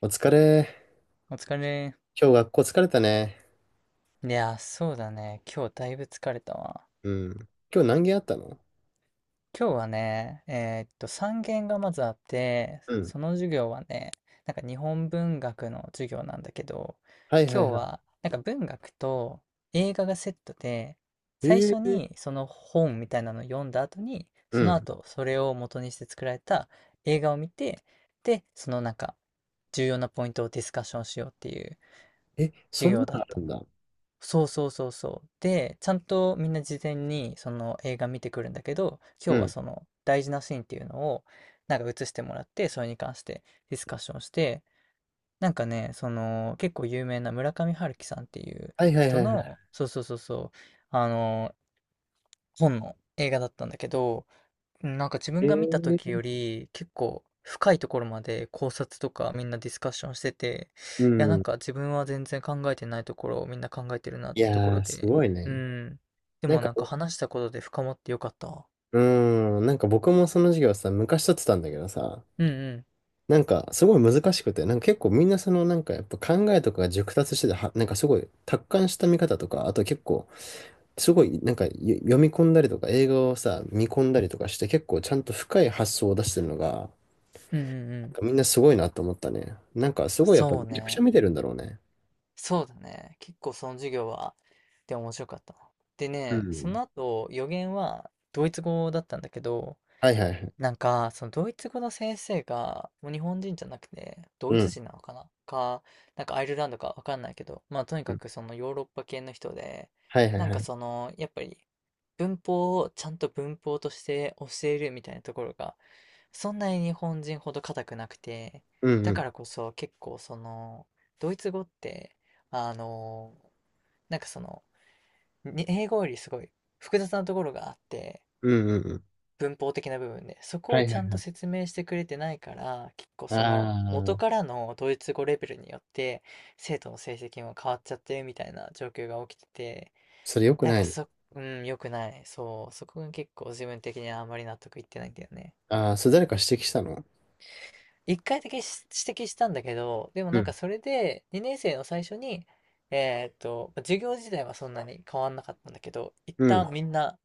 お疲れ。お疲れ。今日学校疲れたね。いやー、そうだね。今日だいぶ疲れたわ。うん。今日何件あったの？今日はね、3限がまずあって、うん。その授業はね、なんか日本文学の授業なんだけど、はいはい今日ははなんか文学と映画がセットで、い。最初にその本みたいなのを読んだ後に、うそのん。後それを元にして作られた映画を見て、で、そのなんか重要なポイントをディスカッションしようっていうえ、そ授んな業だのっあたるの。んだ。そうそうそうそう。で、ちゃんとみんな事前にその映画見てくるんだけど、今う日はん。その大事なシーンっていうのをなんか映してもらって、それに関してディスカッションして、なんかね、その結構有名な村上春樹さんっていうはいはい人はいはい。の、そうそうそうそう、あの、本の映画だったんだけど、うん、なんか自え分が見た時ー、より、結構深いところまで考察とかみんなディスカッションしてて、ういやなんん。か自分は全然考えてないところをみんな考えてるなっいてとこやろー、すで、ごいうね。ん。でなんもか、なんか話したことで深まってよかったわ。うなんか僕もその授業さ、昔取ってたんだけどさ、うんうん。なんかすごい難しくて、なんか結構みんなそのなんかやっぱ考えとかが熟達してて、は、なんかすごい達観した見方とか、あと結構すごい、なんか、よ読み込んだりとか、映画をさ、見込んだりとかして、結構ちゃんと深い発想を出してるのが、うんうんうなんん。かみんなすごいなと思ったね。なんか、すごいやっぱそりうめちゃくちゃね。見てるんだろうね。そうだね。結構その授業は、で面白かったな。でうね、そん。の後予言はドイツ語だったんだけど、はいはいはい。なんか、そのドイツ語の先生が、もう日本人じゃなくて、ドうイツん。人なのかなか、なんかアイルランドかわかんないけど、まあとにうかんくそのヨーロッパ系の人で、はいはいなんはかい。その、やっぱり文法をちゃんと文法として教えるみたいなところが、そんなに日本人ほど硬くなくて、うんうだかん。らこそ結構その、ドイツ語って、あの、なんかその、に英語よりすごい複雑なところがあって、うんうんうん。文法的な部分で、そこはをいちはゃいんはとい。説明してくれてないから、結構その元あかあ、らのドイツ語レベルによって生徒の成績も変わっちゃってるみたいな状況が起きてて、それ良くなんなかいね。そ、うん、良くない。そう、そこが結構自分的にはあんまり納得いってないんだよね。ああ、それ誰か指摘したの？一回だけし指摘したんだけど、でもうなんかん。それで2年生の最初に、授業自体はそんなに変わんなかったんだけど、一うん。旦みんな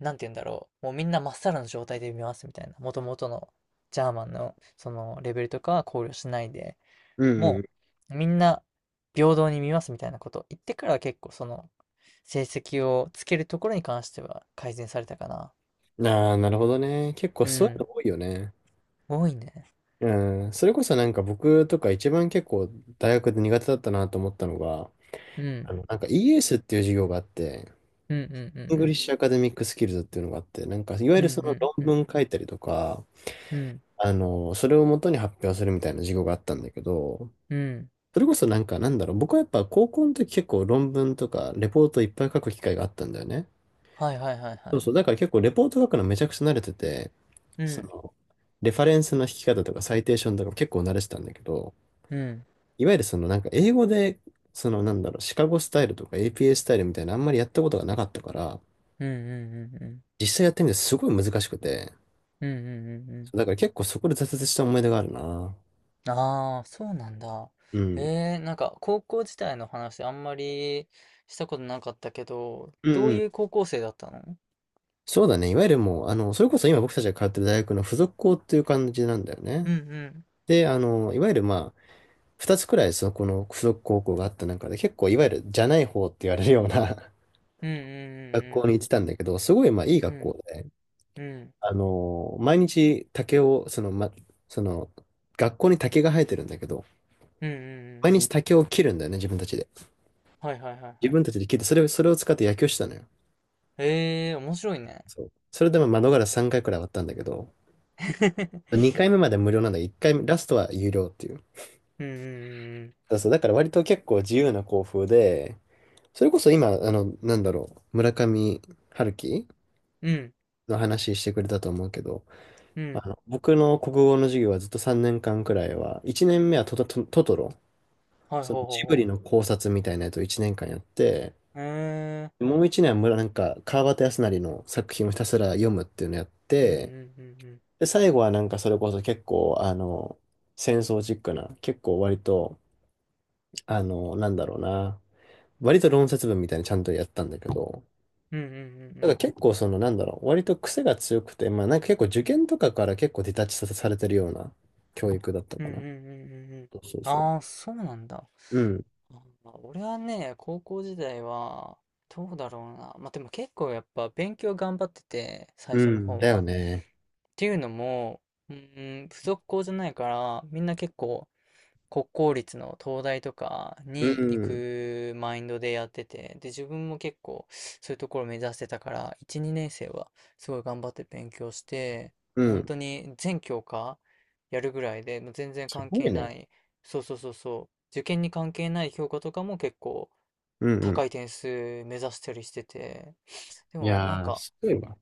なんて言うんだろう、もうみんなまっさらの状態で見ますみたいな、元々のジャーマンのそのレベルとかは考慮しないで、うんもううみんな平等に見ますみたいなことを言ってから結構その成績をつけるところに関しては改善されたかな。ん。ああ、なるほどね。結構うそういうん、の多いよね。多いね。うん。それこそなんか僕とか一番結構大学で苦手だったなと思ったのが、うん、あの、なんか ES っていう授業があって、うんうんうイングリッんシュアカデミックスキルズっていうのがあって、なんかいわうゆん、うるそんのう論んうん、文書いたりとか、うん、あの、それを元に発表するみたいな授業があったんだけど、うん、それこそなんかなんだろう、僕はやっぱ高校の時結構論文とかレポートいっぱい書く機会があったんだよね。はいはいはいそはうい。そう、だから結構レポート書くのめちゃくちゃ慣れてて、うそん、の、レファレンスの引き方とかサイテーションとか結構慣れてたんだけど、うん、いわゆるそのなんか英語で、そのなんだろう、シカゴスタイルとか APA スタイルみたいなあんまりやったことがなかったから、うんうんうんうん、実際やってみてすごい難しくて、うんうんうんうん。だから結構そこで挫折した思い出があるな。ああ、そうなんだ。うん。なんか高校時代の話あんまりしたことなかったけど、うんどううん。いう高校生だったのそうだね。いわゆるもう、あの、それこそ今僕たちが通ってる大学の付属校っていう感じなんだようね。んうん。で、あの、いわゆるまあ、二つくらいそこの付属高校があった中で、結構いわゆるじゃない方って言われるような うん 学う校んに行ってたんだけど、すごいまあいいうん学うん。校で、うんあの、毎日竹を、その、ま、その、学校に竹が生えてるんだけど、うんうんうんうんうん毎う日ん。竹を切るんだよね、自分たちで。はいはいはい自はい。分たちで切って、それを、それを使って野球してたのよ。ええー、面白いね。そう。それでも窓ガラス3回くらい割ったんだけど、2回目まで無料なんだけど、1回目、ラストは有料っていう。うんうんだそう、だから割と結構自由な校風で、それこそ今、あの、なんだろう、村上春樹うんうん。の話してくれたと思うけど、うんうあん。の、僕の国語の授業はずっと3年間くらいは、1年目はトト、トトトロ、はいそのほうほうジブリほの考察みたいなやつを1年間やって、う。えー。もう1年は村、なんか、川端康成の作品をひたすら読むっていうのやっうんうて、んうんうん。で、最後はなんかそれこそ結構、あの、戦争チックな、結構割と、あの、なんだろうな、割と論説文みたいにちゃんとやったんだけど、うんうんうんうただん。から結構その、なんだろう、割と癖が強くて、まあなんか結構受験とかから結構ディタッチさせされてるような教育だったうんかうんうな。んうんうんうん。そうそうそああ、そうなんだ。う。うん、まあ俺はね、高校時代は、どうだろうな。まあ、でも結構やっぱ勉強頑張ってて、最う初のん、方だよは。っね。ていうのも、うーん、付属校じゃないから、みんな結構国公立の東大とかうに行ん、くマインドでやってて、で、自分も結構そういうところを目指してたから、1、2年生はすごい頑張って勉強して、うもう本ん、当に全教科やるぐらいで、もう全然す関ご係いね。ない、そうそうそうそう、受験に関係ない評価とかも結構うん、うん。高い点数目指したりしてて、でいもなんやー、かすごいわ。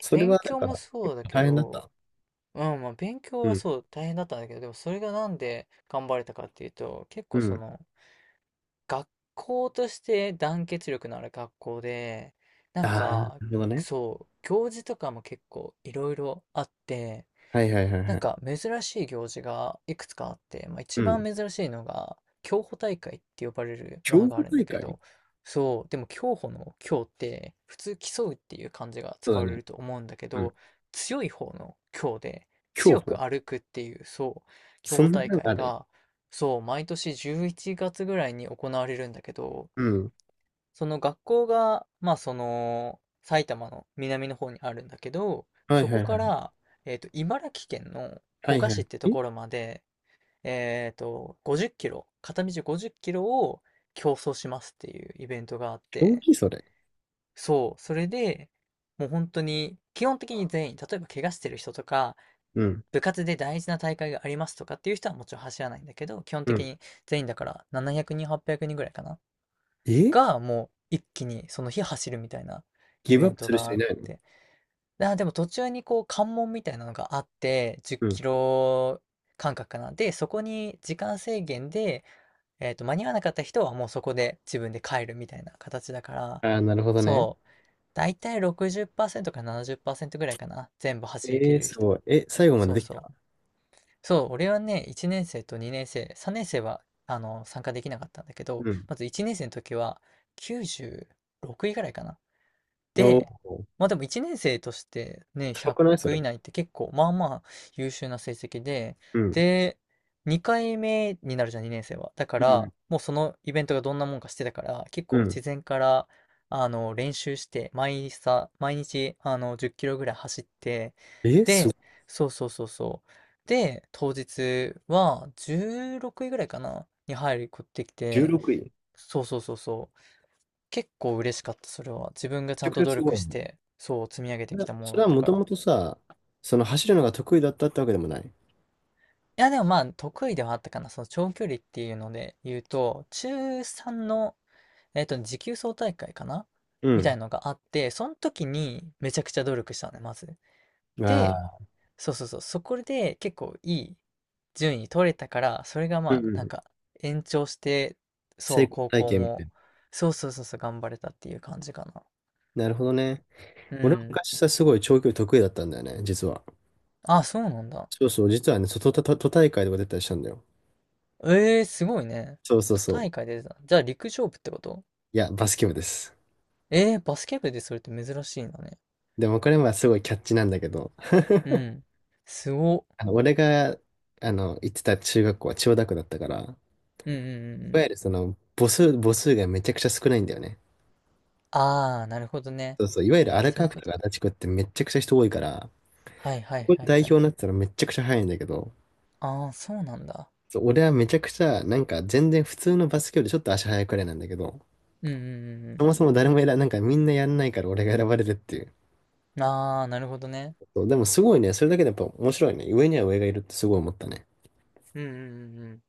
それ勉はだ強かもら、そう結だ構け大変だっど、た。うん、まあ勉強うはん、そう大変だったんだけど、でもそれがなんで頑張れたかっていうと、結う構そん。の、学校として団結力のある学校で、なんああ、なるか、ほどね。そう、行事とかも結構いろいろあって、はいはいはいなはんい。か珍しい行事がいくつかあって、まあ、う一番ん。珍しいのが競歩大会って呼ばれるもの競があ歩るん大だけ会？ど、そう、でも競歩の競って普通競うっていう漢字がそう使だわれね。ると思うんだけうん。ど、強い方の競で競強く歩。歩くっていう、そう、競そ歩ん大なの会ある？が、そう、毎年11月ぐらいに行われるんだけど、うん。その学校が、まあその、埼玉の南の方にあるんだけど、はいそはこいはかい。ら、茨城県のは古い河は市っい。てとえ、ころまで、50キロ、片道50キロを競争しますっていうイベントがあっ競て、技それ？そう、それで、もう本当に、基本的に全員、例えば怪我してる人とか、うん。部活で大事な大会がありますとかっていう人はもちろん走らないんだけど、基本う的ん。に全員だから700人、800人ぐらいかな。え、が、もう一気にその日走るみたいなイギブベアッンプトするが人あいっないの？て。あ、でも途中にこう関門みたいなのがあって、10うん。キロ間隔かな。で、そこに時間制限で、間に合わなかった人はもうそこで自分で帰るみたいな形だから、ああ、なるほどね。そう。だいたい60%か70%ぐらいかな。全部走り切えー、れるす人。ごい。え、最後までそうできそう。た？そう、俺はね、1年生と2年生、3年生はあの参加できなかったんだけど、うん。まず1年生の時は96位ぐらいかな。おで、お、まあでも1年生としてね、高くないそ100れ？以内って結構まあまあ優秀な成績で、うん。で、2回目になるじゃん、2年生は。だかうん。ら、もうそのイベントがどんなもんかしてたから、結う構ん。事前から、練習して、毎朝、毎日、10キロぐらい走って、え、すごで、い。そうそうそうそう。で、当日は16位ぐらいかな、に入ることでき16て、位。めそうそうそうそう。結構嬉しかった、それは。自分がちちゃゃんくとちゃ努す力ごいしね。て、そう積み上げそてれきはたものそだれっはたもかとら。もとさ、その走るのが得意だったってわけでもない？いや、でもまあ、得意ではあったかな。その長距離っていうので言うと、中3の、持久走大会かなうみたん。いのがあって、その時にめちゃくちゃ努力したのね、まず。で、ああ、そうそうそう、そこで結構いい順位取れたから、それがうまあ、んうなんん。か、延長して、成そう、功高体校験みたも、いそうそうそうそう、頑張れたっていう感じかな。な。なるほどね。う俺もん。昔さ、すごい長距離得意だったんだよね、実は。あ、そうなんだ。そうそう、実はね、そう都、都都都大会とか出たりしたんだよ。ええーすごいね。そうそう都そう。大会出てた。じゃあ陸上部ってこといや、バスケ部です。ええーバスケ部でそれって珍しいんだね。でもこれはすごいキャッチなんだけど、う ん。すごっ。あの俺が、あの、行ってた中学校は千代田区だったから、いうんうんうんうわん。ゆるその、母数、母数がめちゃくちゃ少ないんだよね。ああ、なるほどね。そうそう、いわゆる荒そうい川う区こととかか。足立区ってめちゃくちゃ人多いから、はいはそいこではい代は表い。になってたらめちゃくちゃ速いんだけど、ああ、そうなんだ。そう、俺はめちゃくちゃ、なんか全然普通のバスケよりちょっと足速いくらいなんだけど、うんうんうんそうもそも誰もやら、なんかみんなやんないから俺が選ばれるっていう。ん。ああ、なるほどね。そう、でもすごいね。それだけでやっぱ面白いね。上には上がいるってすごい思ったね。うんうんうんうん。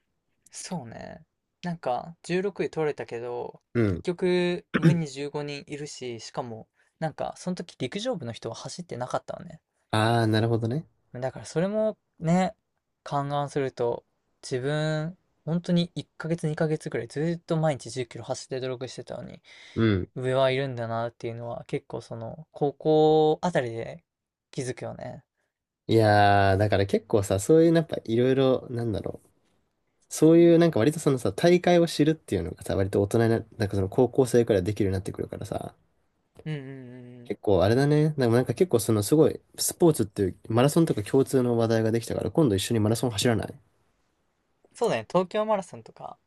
そうね。なんか、16位取れたけど、う結ん。局、上に15人いるし、しかも、なんか、その時陸上部の人は走ってなかったわね。ああ、なるほどね。だからそれもね、勘案すると、自分、本当に1ヶ月2ヶ月くらいずっと毎日10キロ走って努力してたのに、うん。上はいるんだなっていうのは結構その、高校あたりで気づくよね。いやー、だから結構さ、そういうやっぱいろいろ、なんだろう。そういうなんか割とそのさ、大会を知るっていうのがさ、割と大人にな、なんかその高校生くらいできるようになってくるからさ、うんうんうんうん。結構あれだね。でもなんか結構そのすごい、スポーツっていうマラソンとか共通の話題ができたから、今度一緒にマラソン走らない？そうだね、東京マラソンとか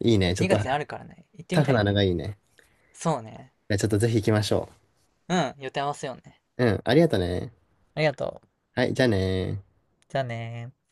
いいね。ちょっ2とあ月にあらるからね、行ってタみフたいなのね。がいいね。そうね。いやちょっとぜひ行きましょうん、予定合わせようね。う。うん、ありがとね。ありがとう。はい、じゃあねー。じゃあねー